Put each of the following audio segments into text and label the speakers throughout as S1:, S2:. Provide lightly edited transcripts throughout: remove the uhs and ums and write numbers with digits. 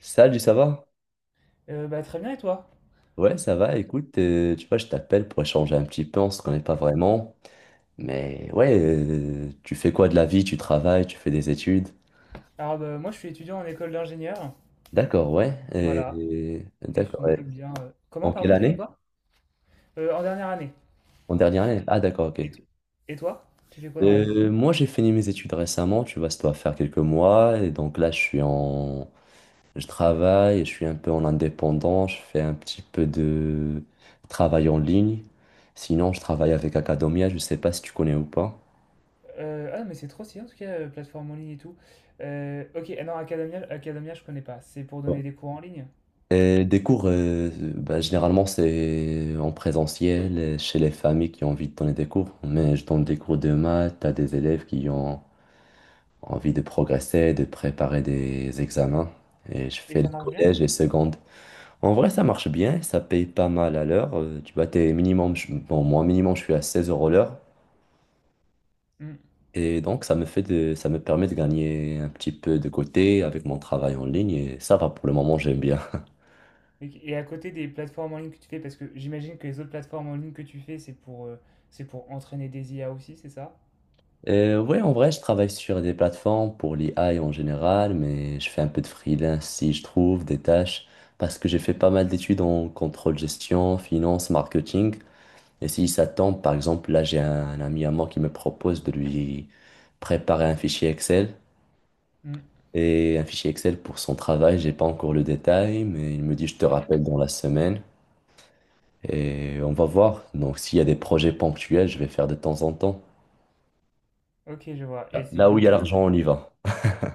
S1: Salut, ça va?
S2: Très bien, et toi?
S1: Ouais, ça va. Écoute, tu vois, je t'appelle pour échanger un petit peu. On se connaît pas vraiment. Mais ouais, tu fais quoi de la vie? Tu travailles, tu fais des études?
S2: Moi, je suis étudiant en école d'ingénieur.
S1: D'accord, ouais.
S2: Voilà. Et
S1: D'accord.
S2: sinon,
S1: Ouais.
S2: j'aime bien. Comment,
S1: En quelle
S2: pardon, t'as dit
S1: année?
S2: quoi? En dernière année.
S1: En dernière année? Ah, d'accord, ok.
S2: Et, to- et toi? Tu fais quoi dans la vie?
S1: Moi, j'ai fini mes études récemment. Tu vois, ça doit faire quelques mois. Et donc là, je suis en... Je travaille, je suis un peu en indépendant. Je fais un petit peu de travail en ligne. Sinon, je travaille avec Academia. Je sais pas si tu connais ou pas.
S2: Ah, mais c'est trop stylé, en tout cas, plateforme en ligne et tout. Ok, ah non, Academia, je connais pas. C'est pour donner des cours en ligne.
S1: Et des cours, bah, généralement, c'est en présentiel chez les familles qui ont envie de donner des cours. Mais je donne des cours de maths à des élèves qui ont envie de progresser, de préparer des examens. Et je
S2: Et
S1: fais les
S2: ça marche bien?
S1: collèges, et secondes. En vrai, ça marche bien, ça paye pas mal à l'heure. Tu vois, t'es minimum, bon, moi, minimum, je suis à 16 euros l'heure.
S2: Hmm.
S1: Et donc, ça me permet de gagner un petit peu de côté avec mon travail en ligne. Et ça va, pour le moment, j'aime bien.
S2: Et à côté des plateformes en ligne que tu fais, parce que j'imagine que les autres plateformes en ligne que tu fais, c'est pour entraîner des IA aussi, c'est ça?
S1: Ouais, en vrai, je travaille sur des plateformes pour l'IA en général, mais je fais un peu de freelance si je trouve des tâches, parce que j'ai fait pas mal d'études en contrôle gestion, finance, marketing. Et si ça tombe, par exemple, là, j'ai un ami à moi qui me propose de lui préparer
S2: Hmm.
S1: un fichier Excel pour son travail. J'ai pas encore le détail, mais il me dit, je te rappelle dans la semaine et on va voir. Donc, s'il y a des projets ponctuels, je vais faire de temps en temps.
S2: Ok, je vois. Et
S1: Là,
S2: c'est
S1: là
S2: du
S1: où il y
S2: coup
S1: a
S2: de.
S1: l'argent, on y va.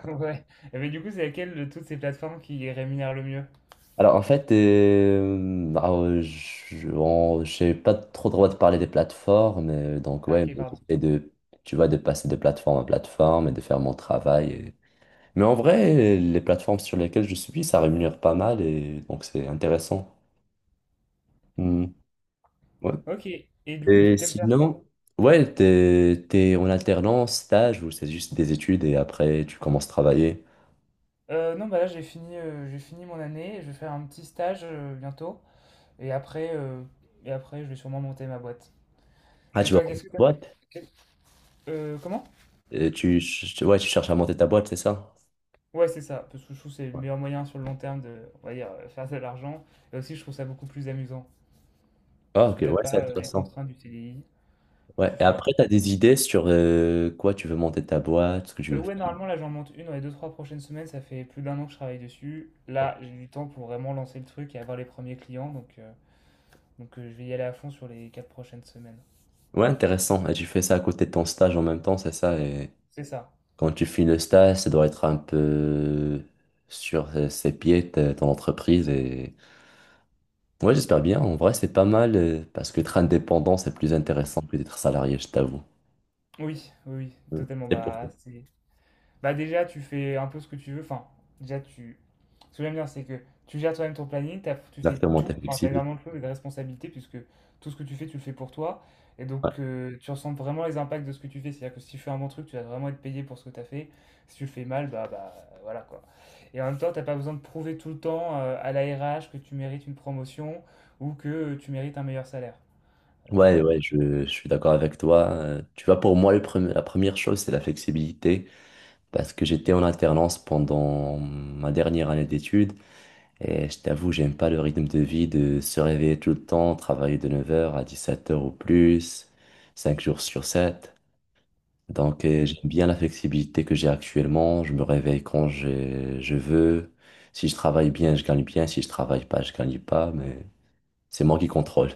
S2: Ouais. Et mais du coup, c'est laquelle de toutes ces plateformes qui rémunère le mieux?
S1: Alors en fait, j'ai pas trop le droit de parler des plateformes, donc
S2: Ah
S1: ouais,
S2: ok,
S1: mais
S2: pardon.
S1: j'essaie de, tu vois, de passer de plateforme à plateforme et de faire mon travail. Mais en vrai, les plateformes sur lesquelles je suis, ça rémunère pas mal et donc c'est intéressant. Hmm, ouais.
S2: Ok. Et du coup, tu
S1: Et
S2: t'aimes faire…
S1: sinon, ouais, t'es en alternance, stage ou c'est juste des études et après tu commences à travailler.
S2: Non, là, j'ai fini mon année. Je vais faire un petit stage bientôt. Et après, je vais sûrement monter ma boîte.
S1: Ah,
S2: Et
S1: tu vas
S2: toi,
S1: monter
S2: qu'est-ce que
S1: ta
S2: t'aimes?
S1: boîte?
S2: Quel- Comment?
S1: Ouais, tu cherches à monter ta boîte, c'est ça?
S2: Ouais, c'est ça. Parce que je trouve que c'est le
S1: Ouais.
S2: meilleur moyen sur le long terme de, on va dire, faire de l'argent. Et aussi, je trouve ça beaucoup plus amusant.
S1: Ah,
S2: Parce
S1: ok,
S2: que t'as
S1: ouais, c'est
S2: pas les
S1: intéressant.
S2: contraintes du C D I.
S1: Ouais,
S2: Tu
S1: et
S2: fais un peu…
S1: après, tu as des idées sur quoi tu veux monter ta boîte, ce que tu veux
S2: Ouais,
S1: faire.
S2: normalement, là, j'en monte une dans les deux, trois prochaines semaines. Ça fait plus d'un an que je travaille dessus.
S1: Quoi.
S2: Là, j'ai du temps pour vraiment lancer le truc et avoir les premiers clients. Donc, je vais y aller à fond sur les quatre prochaines semaines.
S1: Ouais, intéressant. Et tu fais ça à côté de ton stage en même temps, c'est ça. Et
S2: C'est ça.
S1: quand tu finis le stage, ça doit être un peu sur ses pieds, ton entreprise. Et... Ouais, j'espère bien. En vrai, c'est pas mal parce que être indépendant, c'est plus intéressant que d'être salarié, je t'avoue.
S2: Oui,
S1: Mm.
S2: totalement.
S1: C'est pour.
S2: Bah, c'est Bah déjà, tu fais un peu ce que tu veux. Enfin, déjà, tu... Ce que j'aime bien, c'est que tu gères toi-même ton planning, tu fais
S1: Exactement, t'es
S2: tout. Enfin, tu as
S1: flexible.
S2: énormément de choses et de responsabilités, puisque tout ce que tu fais, tu le fais pour toi. Et donc,
S1: Ouais,
S2: tu ressens vraiment les impacts de ce que tu fais. C'est-à-dire que si tu fais un bon truc, tu vas vraiment être payé pour ce que tu as fait. Si tu le fais mal, bah voilà quoi. Et en même temps, t'as pas besoin de prouver tout le temps à la RH que tu mérites une promotion ou que tu mérites un meilleur salaire.
S1: ouais, ouais, je suis d'accord avec toi. Tu vois, pour moi, la première chose, c'est la flexibilité. Parce que j'étais en alternance pendant ma dernière année d'études et je t'avoue, j'aime pas le rythme de vie de se réveiller tout le temps, travailler de 9 heures à 17 heures ou plus, 5 jours sur 7. Donc
S2: Mm.
S1: j'aime bien la flexibilité que j'ai actuellement, je me réveille quand je veux. Si je travaille bien, je gagne bien, si je travaille pas, je gagne pas, mais c'est moi qui contrôle.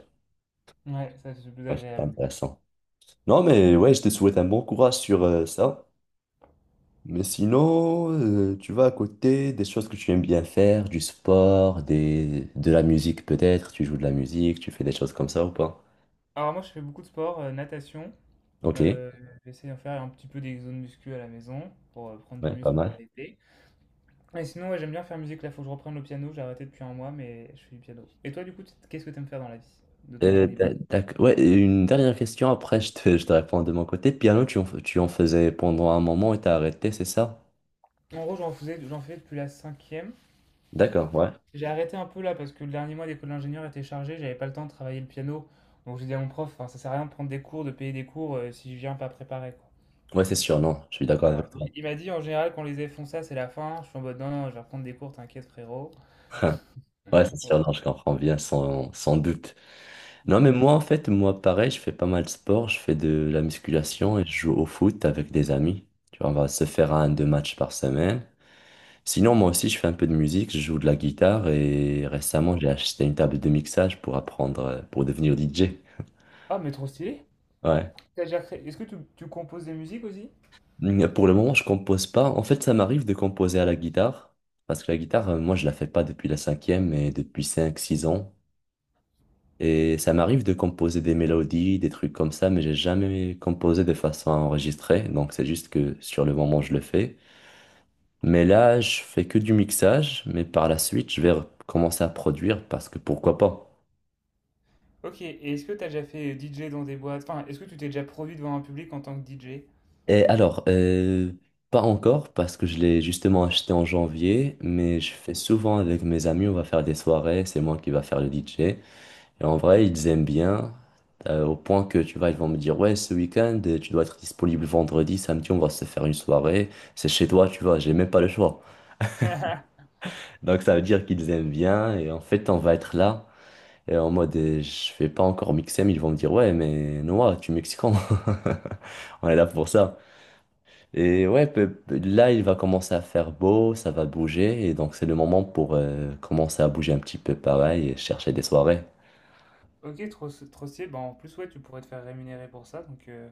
S2: Ouais, ça c'est plus
S1: Ouais, c'est
S2: agréable. Oui.
S1: intéressant. Non, mais ouais, je te souhaite un bon courage sur ça. Mais sinon, tu vas à côté des choses que tu aimes bien faire, du sport, des... de la musique peut-être, tu joues de la musique, tu fais des choses comme ça ou pas?
S2: Alors moi je fais beaucoup de sport, natation.
S1: Ok, ouais,
S2: Euh, J'essaie d'en faire un petit peu des zones muscu à la maison pour prendre du
S1: pas
S2: muscle pour
S1: mal.
S2: l'été. Et sinon, ouais, j'aime bien faire musique. Là, faut que je reprenne le piano. J'ai arrêté depuis un mois, mais je fais du piano. Et toi, du coup, qu'est-ce que t'aimes faire dans la vie de ton temps
S1: Euh,
S2: libre?
S1: t'as- ouais, et une dernière question, après je te réponds de mon côté. Piano, tu en faisais pendant un moment et t'as arrêté, c'est ça?
S2: En gros, j'en fais depuis la cinquième.
S1: D'accord, ouais.
S2: J'ai arrêté un peu là parce que le dernier mois d'école d'ingénieur était chargé. J'avais pas le temps de travailler le piano. Donc j'ai dit à mon prof, enfin, ça sert à rien de prendre des cours, de payer des cours si je viens pas préparé, quoi.
S1: Ouais, c'est sûr, non, je suis d'accord avec
S2: Voilà. Donc,
S1: toi.
S2: il m'a dit en général quand les élèves font ça, c'est la fin. Je suis en mode non, non, je vais reprendre des cours, t'inquiète frérot.
S1: Ouais, c'est
S2: Ouais.
S1: sûr, non, je comprends bien, sans doute. Non, mais moi, en fait, moi, pareil, je fais pas mal de sport, je fais de la musculation et je joue au foot avec des amis. Tu vois, on va se faire un, deux matchs par semaine. Sinon, moi aussi, je fais un peu de musique, je joue de la guitare et récemment, j'ai acheté une table de mixage pour apprendre, pour devenir DJ.
S2: Ah mais trop stylé.
S1: Ouais.
S2: Est-ce que tu composes des musiques aussi?
S1: Pour le moment, je compose pas. En fait, ça m'arrive de composer à la guitare parce que la guitare, moi, je la fais pas depuis la cinquième, mais depuis cinq six ans. Et ça m'arrive de composer des mélodies, des trucs comme ça, mais j'ai jamais composé de façon à enregistrer. Donc c'est juste que sur le moment, je le fais. Mais là, je fais que du mixage, mais par la suite, commencer à produire parce que pourquoi pas.
S2: Ok, et est-ce que t'as déjà fait DJ dans des boîtes? Enfin, est-ce que tu t'es déjà produit devant un public en tant que DJ?
S1: Et alors, pas encore parce que je l'ai justement acheté en janvier, mais je fais souvent avec mes amis, on va faire des soirées, c'est moi qui va faire le DJ. Et en vrai, ils aiment bien, au point que tu vois, ils vont me dire, ouais, ce week-end, tu dois être disponible vendredi, samedi, on va se faire une soirée, c'est chez toi, tu vois, j'ai même pas le choix. Donc ça veut dire qu'ils aiment bien, et en fait, on va être là, et en mode, je vais pas encore mixer, mais ils vont me dire, ouais, mais Noah, tu es mexicain, on est là pour ça. Et ouais, là, il va commencer à faire beau, ça va bouger, et donc c'est le moment pour commencer à bouger un petit peu pareil et chercher des soirées.
S2: Ok, trop stylé. Bah, en plus, ouais, tu pourrais te faire rémunérer pour ça. Donc,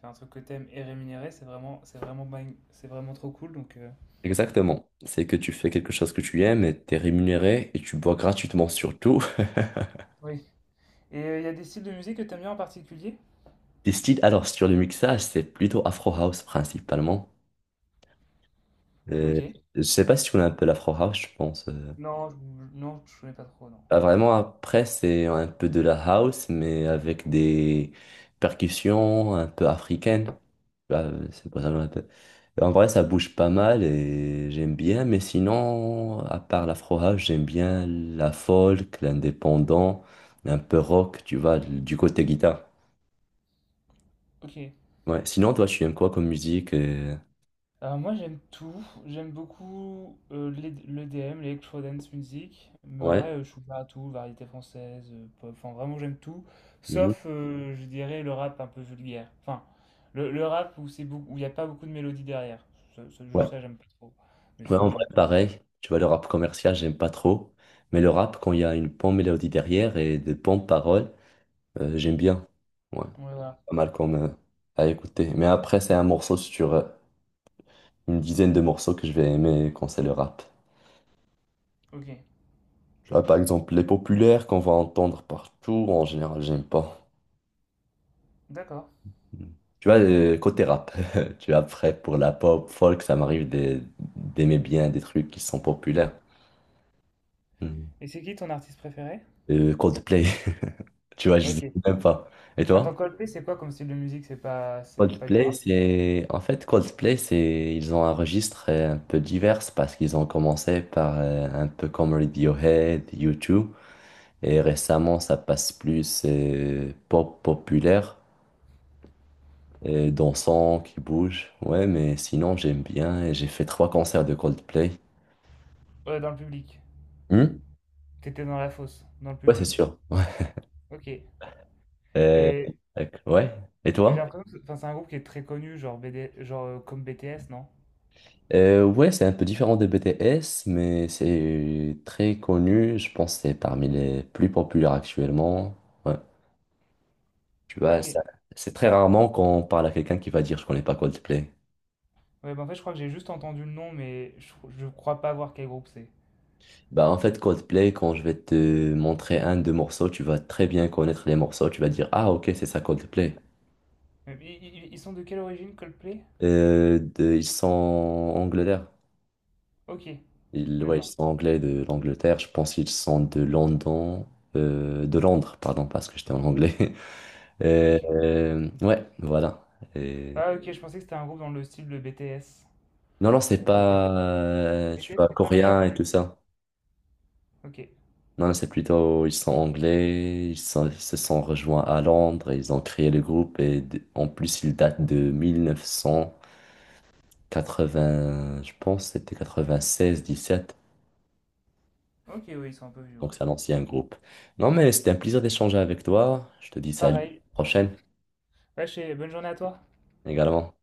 S2: faire un truc que t'aimes et rémunérer, c'est vraiment trop cool. Donc,
S1: Exactement. C'est que tu fais quelque chose que tu aimes et t'es rémunéré et tu bois gratuitement surtout.
S2: oui. Et il y a des styles de musique que t'aimes bien en particulier?
S1: Les styles, alors, sur le mixage, c'est plutôt Afro House principalement. Euh,
S2: Ok.
S1: je sais pas si tu connais un peu l'Afro House, je pense.
S2: Non, je, non, je connais pas trop, non.
S1: Ah, vraiment, après, c'est un peu de la house, mais avec des percussions un peu africaines. Bah, c'est pour ça qu'on l'appelle. Et en vrai, ça bouge pas mal et j'aime bien, mais sinon, à part l'afro house, j'aime bien la folk, l'indépendant, un peu rock, tu vois, du côté guitare.
S2: Ok.
S1: Ouais. Sinon, toi, tu aimes quoi comme musique?
S2: Alors moi j'aime tout, j'aime beaucoup l'EDM, l'electro-dance music, mais en
S1: Ouais.
S2: vrai je suis ouvert à tout, variété française, pop, enfin vraiment j'aime tout,
S1: Mhm.
S2: sauf je dirais le rap un peu vulgaire, enfin le rap où c'est beaucoup, où il n'y a pas beaucoup de mélodie derrière,
S1: Ouais.
S2: juste ça j'aime pas trop, mais
S1: Ouais,
S2: sinon
S1: en
S2: j'aime
S1: vrai,
S2: tout.
S1: pareil. Tu vois, le rap commercial, j'aime pas trop. Mais le rap, quand il y a une bonne mélodie derrière et de bonnes paroles, j'aime bien. Ouais,
S2: Ouais, voilà,
S1: pas mal comme à écouter. Mais après, c'est un morceau sur une dizaine de morceaux que je vais aimer quand c'est le rap.
S2: ok,
S1: Tu vois, par exemple, les populaires qu'on va entendre partout, en général, j'aime pas.
S2: d'accord.
S1: Mm. Tu vois, côté rap, tu vois, après, pour la pop, folk, ça m'arrive d'aimer bien des trucs qui sont populaires. Mm.
S2: Et c'est qui ton artiste préféré?
S1: Coldplay, tu vois,
S2: Ok.
S1: j'hésite même pas. Et
S2: Attends,
S1: toi?
S2: Coldplay c'est quoi comme style de musique? C'est pas du
S1: Coldplay,
S2: rap?
S1: c'est... En fait, Coldplay, c'est... Ils ont un registre un peu divers parce qu'ils ont commencé par un peu comme Radiohead, U2, et récemment, ça passe plus pop populaire, et dansant, qui bouge. Ouais, mais sinon, j'aime bien et j'ai fait trois concerts de Coldplay.
S2: Dans le public,
S1: Hmm.
S2: t'étais dans la fosse, dans le
S1: Ouais, c'est
S2: public,
S1: sûr. Ouais.
S2: ok.
S1: Euh,
S2: Et
S1: ouais. Et
S2: j'ai
S1: toi?
S2: l'impression que c'est un groupe qui est très connu, genre, B D genre comme BTS, non?
S1: Ouais, c'est un peu différent des BTS, mais c'est très connu. Je pense que c'est parmi les plus populaires actuellement. Ouais. Tu vois,
S2: Ok.
S1: ça- c'est très rarement qu'on parle à quelqu'un qui va dire je connais pas Coldplay.
S2: Ouais, bah, en fait, je crois que j'ai juste entendu le nom, je crois pas voir quel groupe c'est.
S1: Bah, en fait, Coldplay, quand je vais te montrer un, deux morceaux, tu vas très bien connaître les morceaux. Tu vas dire ah, ok, c'est ça Coldplay.
S2: Mais i- Ils sont de quelle origine, Coldplay?
S1: Ils sont Angleterre.
S2: Ok,
S1: Ils, ouais, ils
S2: d'accord.
S1: sont anglais de l'Angleterre. Je pense qu'ils sont de London, de Londres, pardon, parce que j'étais en anglais.
S2: Ok.
S1: Ouais, voilà. Et-
S2: Ah, ok, je pensais que c'était un groupe dans le style de BTS.
S1: Non, non, c'est
S2: Euh,
S1: pas, tu
S2: BTS,
S1: vois,
S2: c'est quoi leur style?
S1: coréen
S2: De
S1: et
S2: musique.
S1: tout ça.
S2: Ok.
S1: Non, non, c'est plutôt, ils sont anglais, ils se sont rejoints à Londres, et ils ont créé le groupe et en plus, ils datent de 1980, je pense, c'était 96, 17.
S2: Ok, oui, ils sont un peu vieux,
S1: Donc,
S2: quoi.
S1: c'est un ancien groupe. Non, mais c'était un plaisir d'échanger avec toi. Je te dis salut, à
S2: Pareil.
S1: la prochaine
S2: Bonne journée à toi.
S1: également.